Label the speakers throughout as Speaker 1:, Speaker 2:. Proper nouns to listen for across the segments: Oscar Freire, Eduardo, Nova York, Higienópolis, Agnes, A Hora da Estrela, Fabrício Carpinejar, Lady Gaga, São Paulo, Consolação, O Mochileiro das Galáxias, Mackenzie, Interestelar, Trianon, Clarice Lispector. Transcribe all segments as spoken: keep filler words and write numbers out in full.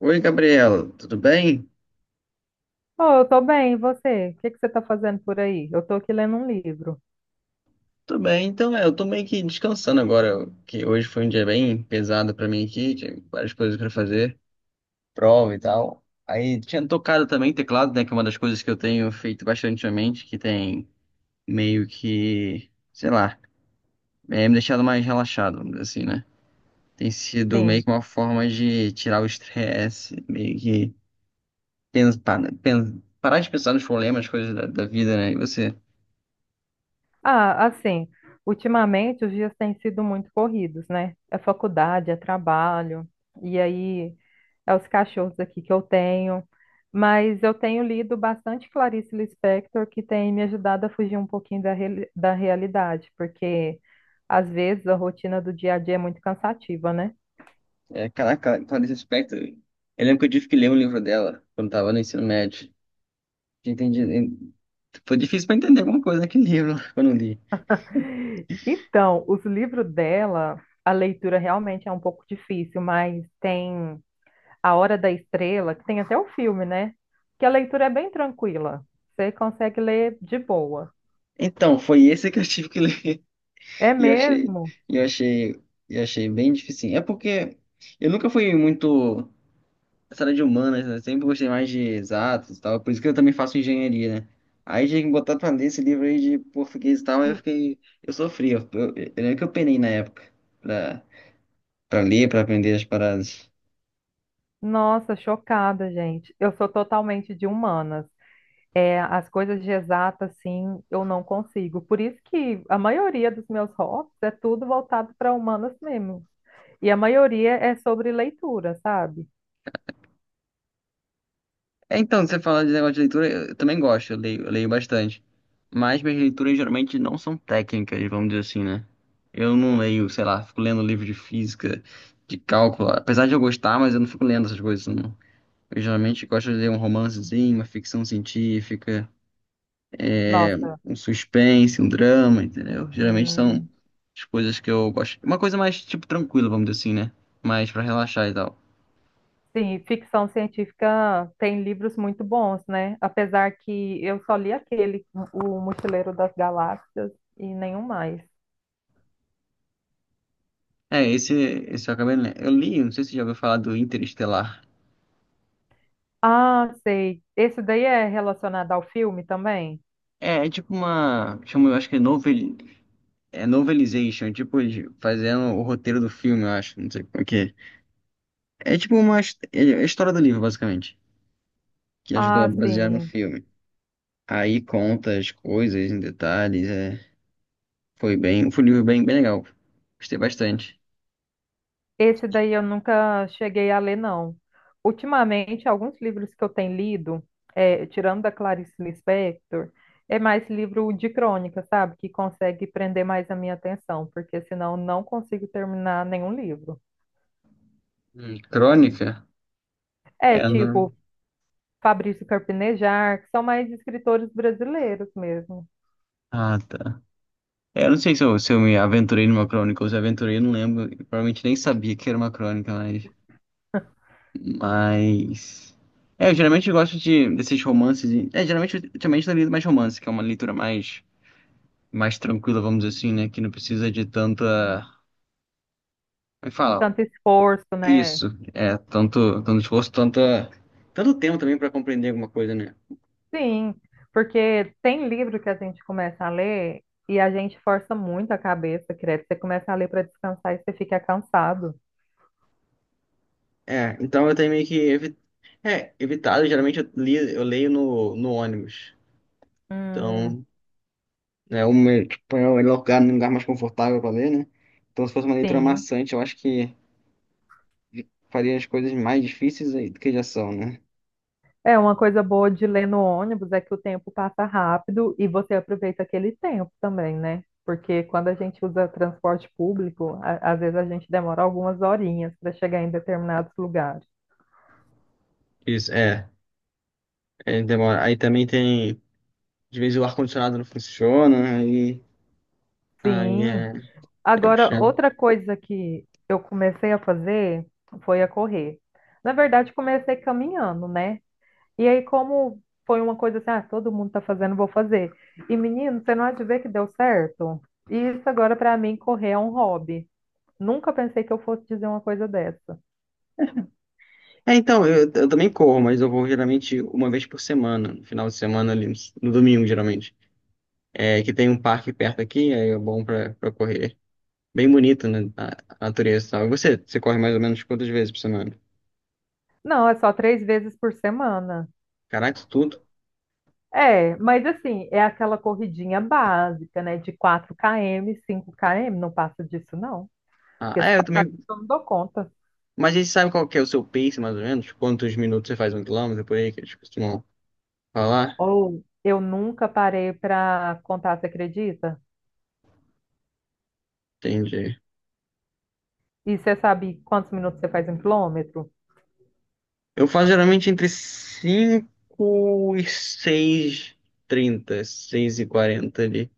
Speaker 1: Oi, Gabriela, tudo bem?
Speaker 2: Oh, eu tô bem, e você? O que que você tá fazendo por aí? Eu tô aqui lendo um livro.
Speaker 1: Tudo bem, então é, eu tô meio que descansando agora, que hoje foi um dia bem pesado pra mim aqui, tinha várias coisas pra fazer, prova e tal. Aí tinha tocado também teclado, né, que é uma das coisas que eu tenho feito bastante ultimamente, que tem meio que, sei lá, é, me deixado mais relaxado, vamos dizer assim, né? Tem sido meio
Speaker 2: Sim.
Speaker 1: que uma forma de tirar o estresse, meio que pensar, né? Pen- parar de pensar nos problemas, coisas da, da vida, né? E você?
Speaker 2: Ah, assim, ultimamente os dias têm sido muito corridos, né? É faculdade, é trabalho, e aí é os cachorros aqui que eu tenho. Mas eu tenho lido bastante Clarice Lispector, que tem me ajudado a fugir um pouquinho da, reali- da realidade, porque às vezes a rotina do dia a dia é muito cansativa, né?
Speaker 1: É, caraca, Clarice Lispector. Eu lembro que eu tive que ler um livro dela quando tava no ensino médio. Entendi. en- Foi difícil pra entender alguma coisa naquele livro quando eu li.
Speaker 2: Então, os livros dela, a leitura realmente é um pouco difícil, mas tem A Hora da Estrela, que tem até o filme, né? Que a leitura é bem tranquila. Você consegue ler de boa.
Speaker 1: Então, foi esse que eu tive que ler.
Speaker 2: É
Speaker 1: E eu achei,
Speaker 2: mesmo?
Speaker 1: e eu achei, e eu achei bem difícil. É porque eu nunca fui muito essa área de humanas, né? Sempre gostei mais de exatos e tal. Por isso que eu também faço engenharia, né? Aí tinha que botar pra ler esse livro aí de português e tal, aí eu
Speaker 2: N-
Speaker 1: fiquei. Eu sofri. Eu, eu, eu lembro que eu penei na época pra, pra ler, pra aprender as paradas.
Speaker 2: Nossa, chocada, gente. Eu sou totalmente de humanas. É, as coisas de exata, assim, eu não consigo. Por isso que a maioria dos meus hobbies é tudo voltado para humanas mesmo. E a maioria é sobre leitura, sabe?
Speaker 1: É, então, você fala de negócio de leitura, eu eu também gosto, eu leio, eu leio bastante. Mas minhas leituras geralmente não são técnicas, vamos dizer assim, né? Eu não leio, sei lá, fico lendo livro de física, de cálculo. Apesar de eu gostar, mas eu não fico lendo essas coisas, não. Eu geralmente gosto de ler um romancezinho, uma ficção científica, é,
Speaker 2: Nossa.
Speaker 1: um suspense, um drama, entendeu? Geralmente são
Speaker 2: Hum,
Speaker 1: as coisas que eu gosto. Uma coisa mais, tipo, tranquila, vamos dizer assim, né? Mais pra relaxar e tal.
Speaker 2: sim, ficção científica tem livros muito bons, né? Apesar que eu só li aquele, O Mochileiro das Galáxias, e nenhum mais.
Speaker 1: É, esse, esse eu acabei lendo. Eu li, não sei se você já ouviu falar do Interestelar.
Speaker 2: Ah, sei. Esse daí é relacionado ao filme também?
Speaker 1: É, é tipo uma. Chama, eu acho que é novel, é novelization, tipo de- fazendo o roteiro do filme, eu acho. Não sei como é que é. É tipo uma. his- É a história do livro, basicamente. Que ajudou a
Speaker 2: Ah,
Speaker 1: basear no
Speaker 2: sim.
Speaker 1: filme. Aí conta as coisas em detalhes. É, foi bem. Foi um livro bem, bem legal. Gostei bastante.
Speaker 2: Esse daí eu nunca cheguei a ler, não. Ultimamente, alguns livros que eu tenho lido, é, tirando da Clarice Lispector, é mais livro de crônica, sabe? Que consegue prender mais a minha atenção, porque senão eu não consigo terminar nenhum livro.
Speaker 1: Hum, crônica?
Speaker 2: É,
Speaker 1: Ela.
Speaker 2: tipo Fabrício Carpinejar, que são mais escritores brasileiros mesmo.
Speaker 1: Ah, tá. É, eu não sei se eu, se eu me aventurei numa crônica ou se aventurei, eu não lembro. Eu provavelmente nem sabia que era uma crônica, mas. Mas. É, eu geralmente gosto de, desses romances. E- É, geralmente, ultimamente eu lido mais romance, que é uma leitura mais, mais, tranquila, vamos dizer assim, né? Que não precisa de tanta. Como é que fala?
Speaker 2: Tanto esforço, né?
Speaker 1: Isso. É, tanto, tanto esforço, tanta, tanto tempo também pra compreender alguma coisa, né?
Speaker 2: Sim, porque tem livro que a gente começa a ler e a gente força muito a cabeça, credo. Você começa a ler para descansar e você fica cansado.
Speaker 1: É, então eu tenho meio que evi... é, evitado. Geralmente eu, li, eu leio no, no ônibus.
Speaker 2: Hum,
Speaker 1: Então, é o meu, tipo, é o melhor lugar, um lugar mais confortável pra ler, né? Então, se fosse uma leitura
Speaker 2: sim.
Speaker 1: maçante, eu acho que. Faria as coisas mais difíceis aí do que já são, né?
Speaker 2: É uma coisa boa de ler no ônibus é que o tempo passa rápido e você aproveita aquele tempo também, né? Porque quando a gente usa transporte público, a- às vezes a gente demora algumas horinhas para chegar em determinados lugares.
Speaker 1: Isso, é. É, demora. Aí também tem. De vez o ar-condicionado não funciona, aí. Aí
Speaker 2: Sim.
Speaker 1: é. É
Speaker 2: Agora,
Speaker 1: puxado.
Speaker 2: outra coisa que eu comecei a fazer foi a correr. Na verdade, comecei caminhando, né? E aí, como foi uma coisa assim, ah, todo mundo tá fazendo, vou fazer. E menino, você não há de ver que deu certo? E isso agora, para mim, correr é um hobby. Nunca pensei que eu fosse dizer uma coisa dessa.
Speaker 1: É, então, eu, eu também corro, mas eu vou geralmente uma vez por semana, no final de semana ali, no domingo, geralmente. É, que tem um parque perto aqui, aí é bom pra, pra correr. É bem bonito, né? A, a natureza e tal. E você? Você corre mais ou menos quantas vezes por semana?
Speaker 2: Não, é só três vezes por semana.
Speaker 1: Caraca, isso tudo.
Speaker 2: É, mas assim, é aquela corridinha básica, né? De quatro km, cinco km, não passa disso, não.
Speaker 1: Ah,
Speaker 2: Porque se
Speaker 1: é, eu
Speaker 2: passar,
Speaker 1: também.
Speaker 2: eu não dou conta.
Speaker 1: Mas a gente sabe qual que é o seu pace, mais ou menos? Quantos minutos você faz um quilômetro por aí? Que eles costumam falar?
Speaker 2: Ou eu nunca parei para contar, você acredita?
Speaker 1: Entendi.
Speaker 2: E você sabe quantos minutos você faz um quilômetro?
Speaker 1: Eu faço geralmente entre cinco e seis h trinta seis e quarenta ali.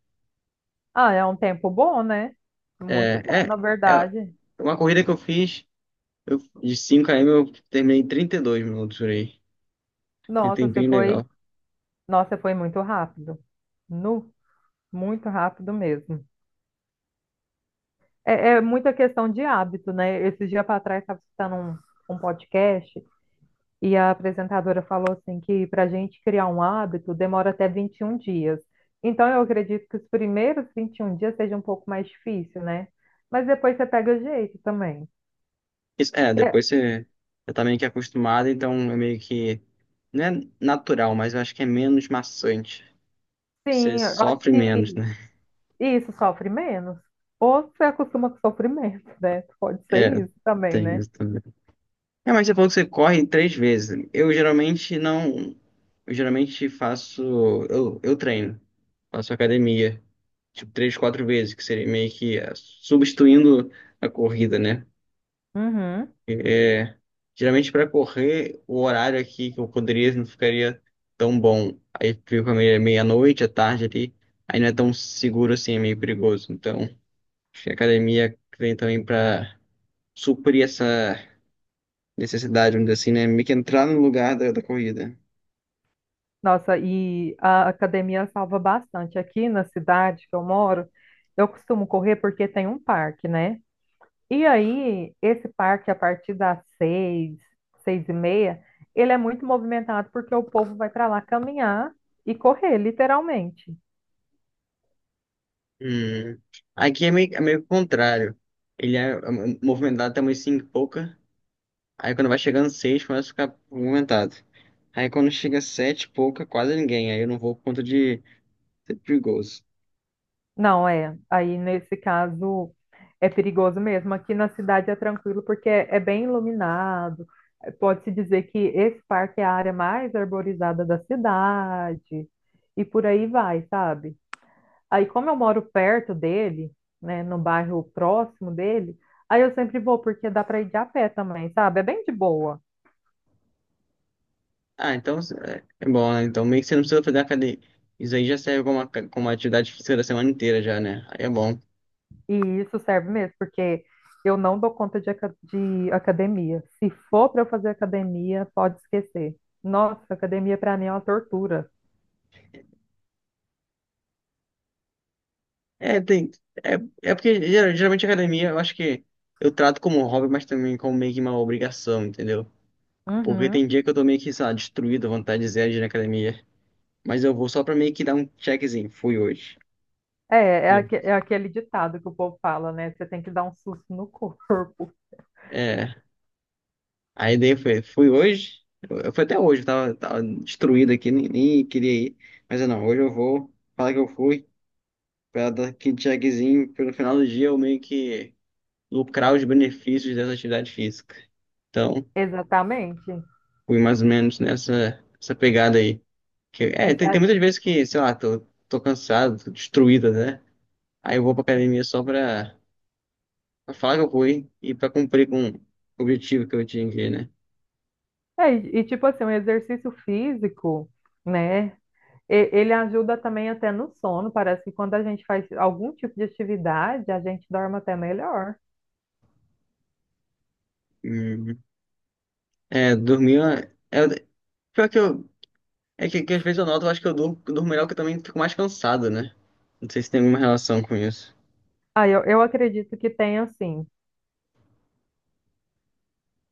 Speaker 2: Ah, é um tempo bom, né? Muito bom,
Speaker 1: É, é,
Speaker 2: na
Speaker 1: é
Speaker 2: verdade.
Speaker 1: uma corrida que eu fiz eu, de cinco quilômetros, eu terminei em trinta e dois minutos por aí. E
Speaker 2: Nossa, você
Speaker 1: tempinho
Speaker 2: foi,
Speaker 1: legal.
Speaker 2: nossa, foi muito rápido. Nu, muito rápido mesmo. É, é muita questão de hábito, né? Esses dias para trás estava escutando um, um podcast. E a apresentadora falou assim que para a gente criar um hábito demora até vinte e um dias. Então eu acredito que os primeiros vinte e um dias seja um pouco mais difícil, né? Mas depois você pega jeito também.
Speaker 1: Isso, é,
Speaker 2: É,
Speaker 1: depois você, você tá meio que acostumado, então é meio que. Não é natural, mas eu acho que é menos maçante. Você
Speaker 2: sim, eu acho
Speaker 1: sofre menos,
Speaker 2: que
Speaker 1: né?
Speaker 2: isso sofre menos. Ou você acostuma com sofrimento, né? Pode ser
Speaker 1: É,
Speaker 2: isso também,
Speaker 1: tem
Speaker 2: né?
Speaker 1: isso. É, mas você falou que você corre três vezes. Eu geralmente não. Eu geralmente faço. Eu, eu treino. Faço academia. Tipo, três, quatro vezes, que seria meio que é, substituindo a corrida, né?
Speaker 2: Uhum.
Speaker 1: É, geralmente para correr, o horário aqui que eu poderia não ficaria tão bom. Aí fica meia- meia-noite, à tarde ali. Aí não é tão seguro assim, é meio perigoso. Então, acho que a academia vem também para suprir essa necessidade, vamos dizer assim, né? Meio que entrar no lugar da, da corrida.
Speaker 2: Nossa, e a academia salva bastante. Aqui na cidade que eu moro, eu costumo correr porque tem um parque, né? E aí, esse parque, a partir das seis, seis e meia, ele é muito movimentado porque o povo vai para lá caminhar e correr, literalmente.
Speaker 1: Hum. Aqui é meio, é meio que o contrário. Ele é é movimentado até umas cinco e pouca. Aí quando vai chegando seis começa a ficar movimentado. Aí quando chega sete e pouca, quase ninguém. Aí eu não vou por conta de ser perigoso.
Speaker 2: Não, é. Aí, nesse caso, é perigoso mesmo. Aqui na cidade é tranquilo porque é é bem iluminado. Pode-se dizer que esse parque é a área mais arborizada da cidade. E por aí vai, sabe? Aí, como eu moro perto dele, né, no bairro próximo dele, aí eu sempre vou, porque dá para ir de a pé também, sabe? É bem de boa.
Speaker 1: Ah, então é é bom, né? Então meio que você não precisa fazer academia. Isso aí já serve como uma, como uma atividade física da semana inteira já, né? Aí é bom.
Speaker 2: E isso serve mesmo, porque eu não dou conta de, aca- de academia. Se for para eu fazer academia, pode esquecer. Nossa, academia para mim é uma tortura.
Speaker 1: É, tem. É, é porque geral- geralmente academia eu acho que eu trato como um hobby, mas também como meio que uma obrigação, entendeu? Porque
Speaker 2: Uhum.
Speaker 1: tem dia que eu tô meio que, sei lá, destruído, a vontade zero de ir na academia. Mas eu vou só pra meio que dar um checkzinho. Fui hoje.
Speaker 2: É, é,
Speaker 1: E eu-
Speaker 2: aque- é aquele ditado que o povo fala, né? Você tem que dar um susto no corpo.
Speaker 1: É. Aí daí foi, fui hoje. Eu, eu fui até hoje, eu tava, tava destruído aqui, nem, nem queria ir. Mas eu não, Hoje eu vou falar que eu fui, pra dar aquele checkzinho, pelo final do dia eu meio que lucrar os benefícios dessa atividade física. Então.
Speaker 2: Exatamente.
Speaker 1: fui mais ou menos nessa essa pegada aí. Que,
Speaker 2: E,
Speaker 1: é,
Speaker 2: se
Speaker 1: tem, tem
Speaker 2: a-
Speaker 1: muitas vezes que, sei lá, tô, tô cansado, tô destruído, né? Aí eu vou pra academia só pra, pra falar que eu fui e pra cumprir com o objetivo que eu tinha que, né?
Speaker 2: é, e e, tipo assim, um exercício físico, né? E- Ele ajuda também até no sono. Parece que quando a gente faz algum tipo de atividade, a gente dorme até melhor.
Speaker 1: Hum. É, dormir, é, é- pior que eu, é que, que às vezes eu noto, eu acho que eu durmo, durmo melhor que eu também fico mais cansado, né? Não sei se tem alguma relação com isso.
Speaker 2: Ah, eu, eu acredito que tem assim.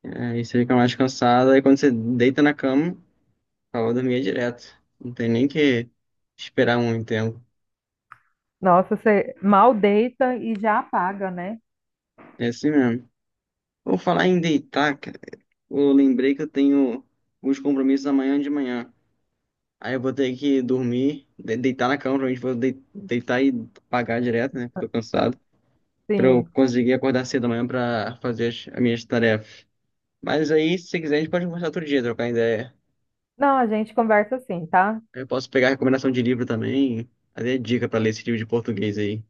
Speaker 1: Aí você fica mais cansado, aí quando você deita na cama, acaba dormir direto. Não tem nem que esperar muito tempo.
Speaker 2: Nossa, você mal deita e já apaga, né?
Speaker 1: É assim mesmo. Vou falar em deitar, cara. Eu lembrei que eu tenho uns compromissos amanhã de manhã. Aí eu vou ter que dormir, de- deitar na cama, provavelmente vou dei- deitar e pagar direto, né? Porque tô cansado. Pra eu
Speaker 2: Sim.
Speaker 1: conseguir acordar cedo amanhã pra fazer as, as minhas tarefas. Mas aí, se quiser, a gente pode conversar outro dia, trocar ideia.
Speaker 2: Não, a gente conversa assim, tá?
Speaker 1: Eu posso pegar recomendação de livro também, fazer dica pra ler esse livro de português aí.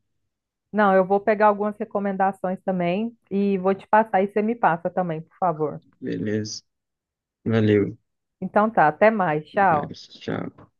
Speaker 2: Não, eu vou pegar algumas recomendações também e vou te passar e você me passa também, por favor.
Speaker 1: Beleza. Valeu.
Speaker 2: Então tá, até mais.
Speaker 1: Até
Speaker 2: Tchau.
Speaker 1: mais. Tchau.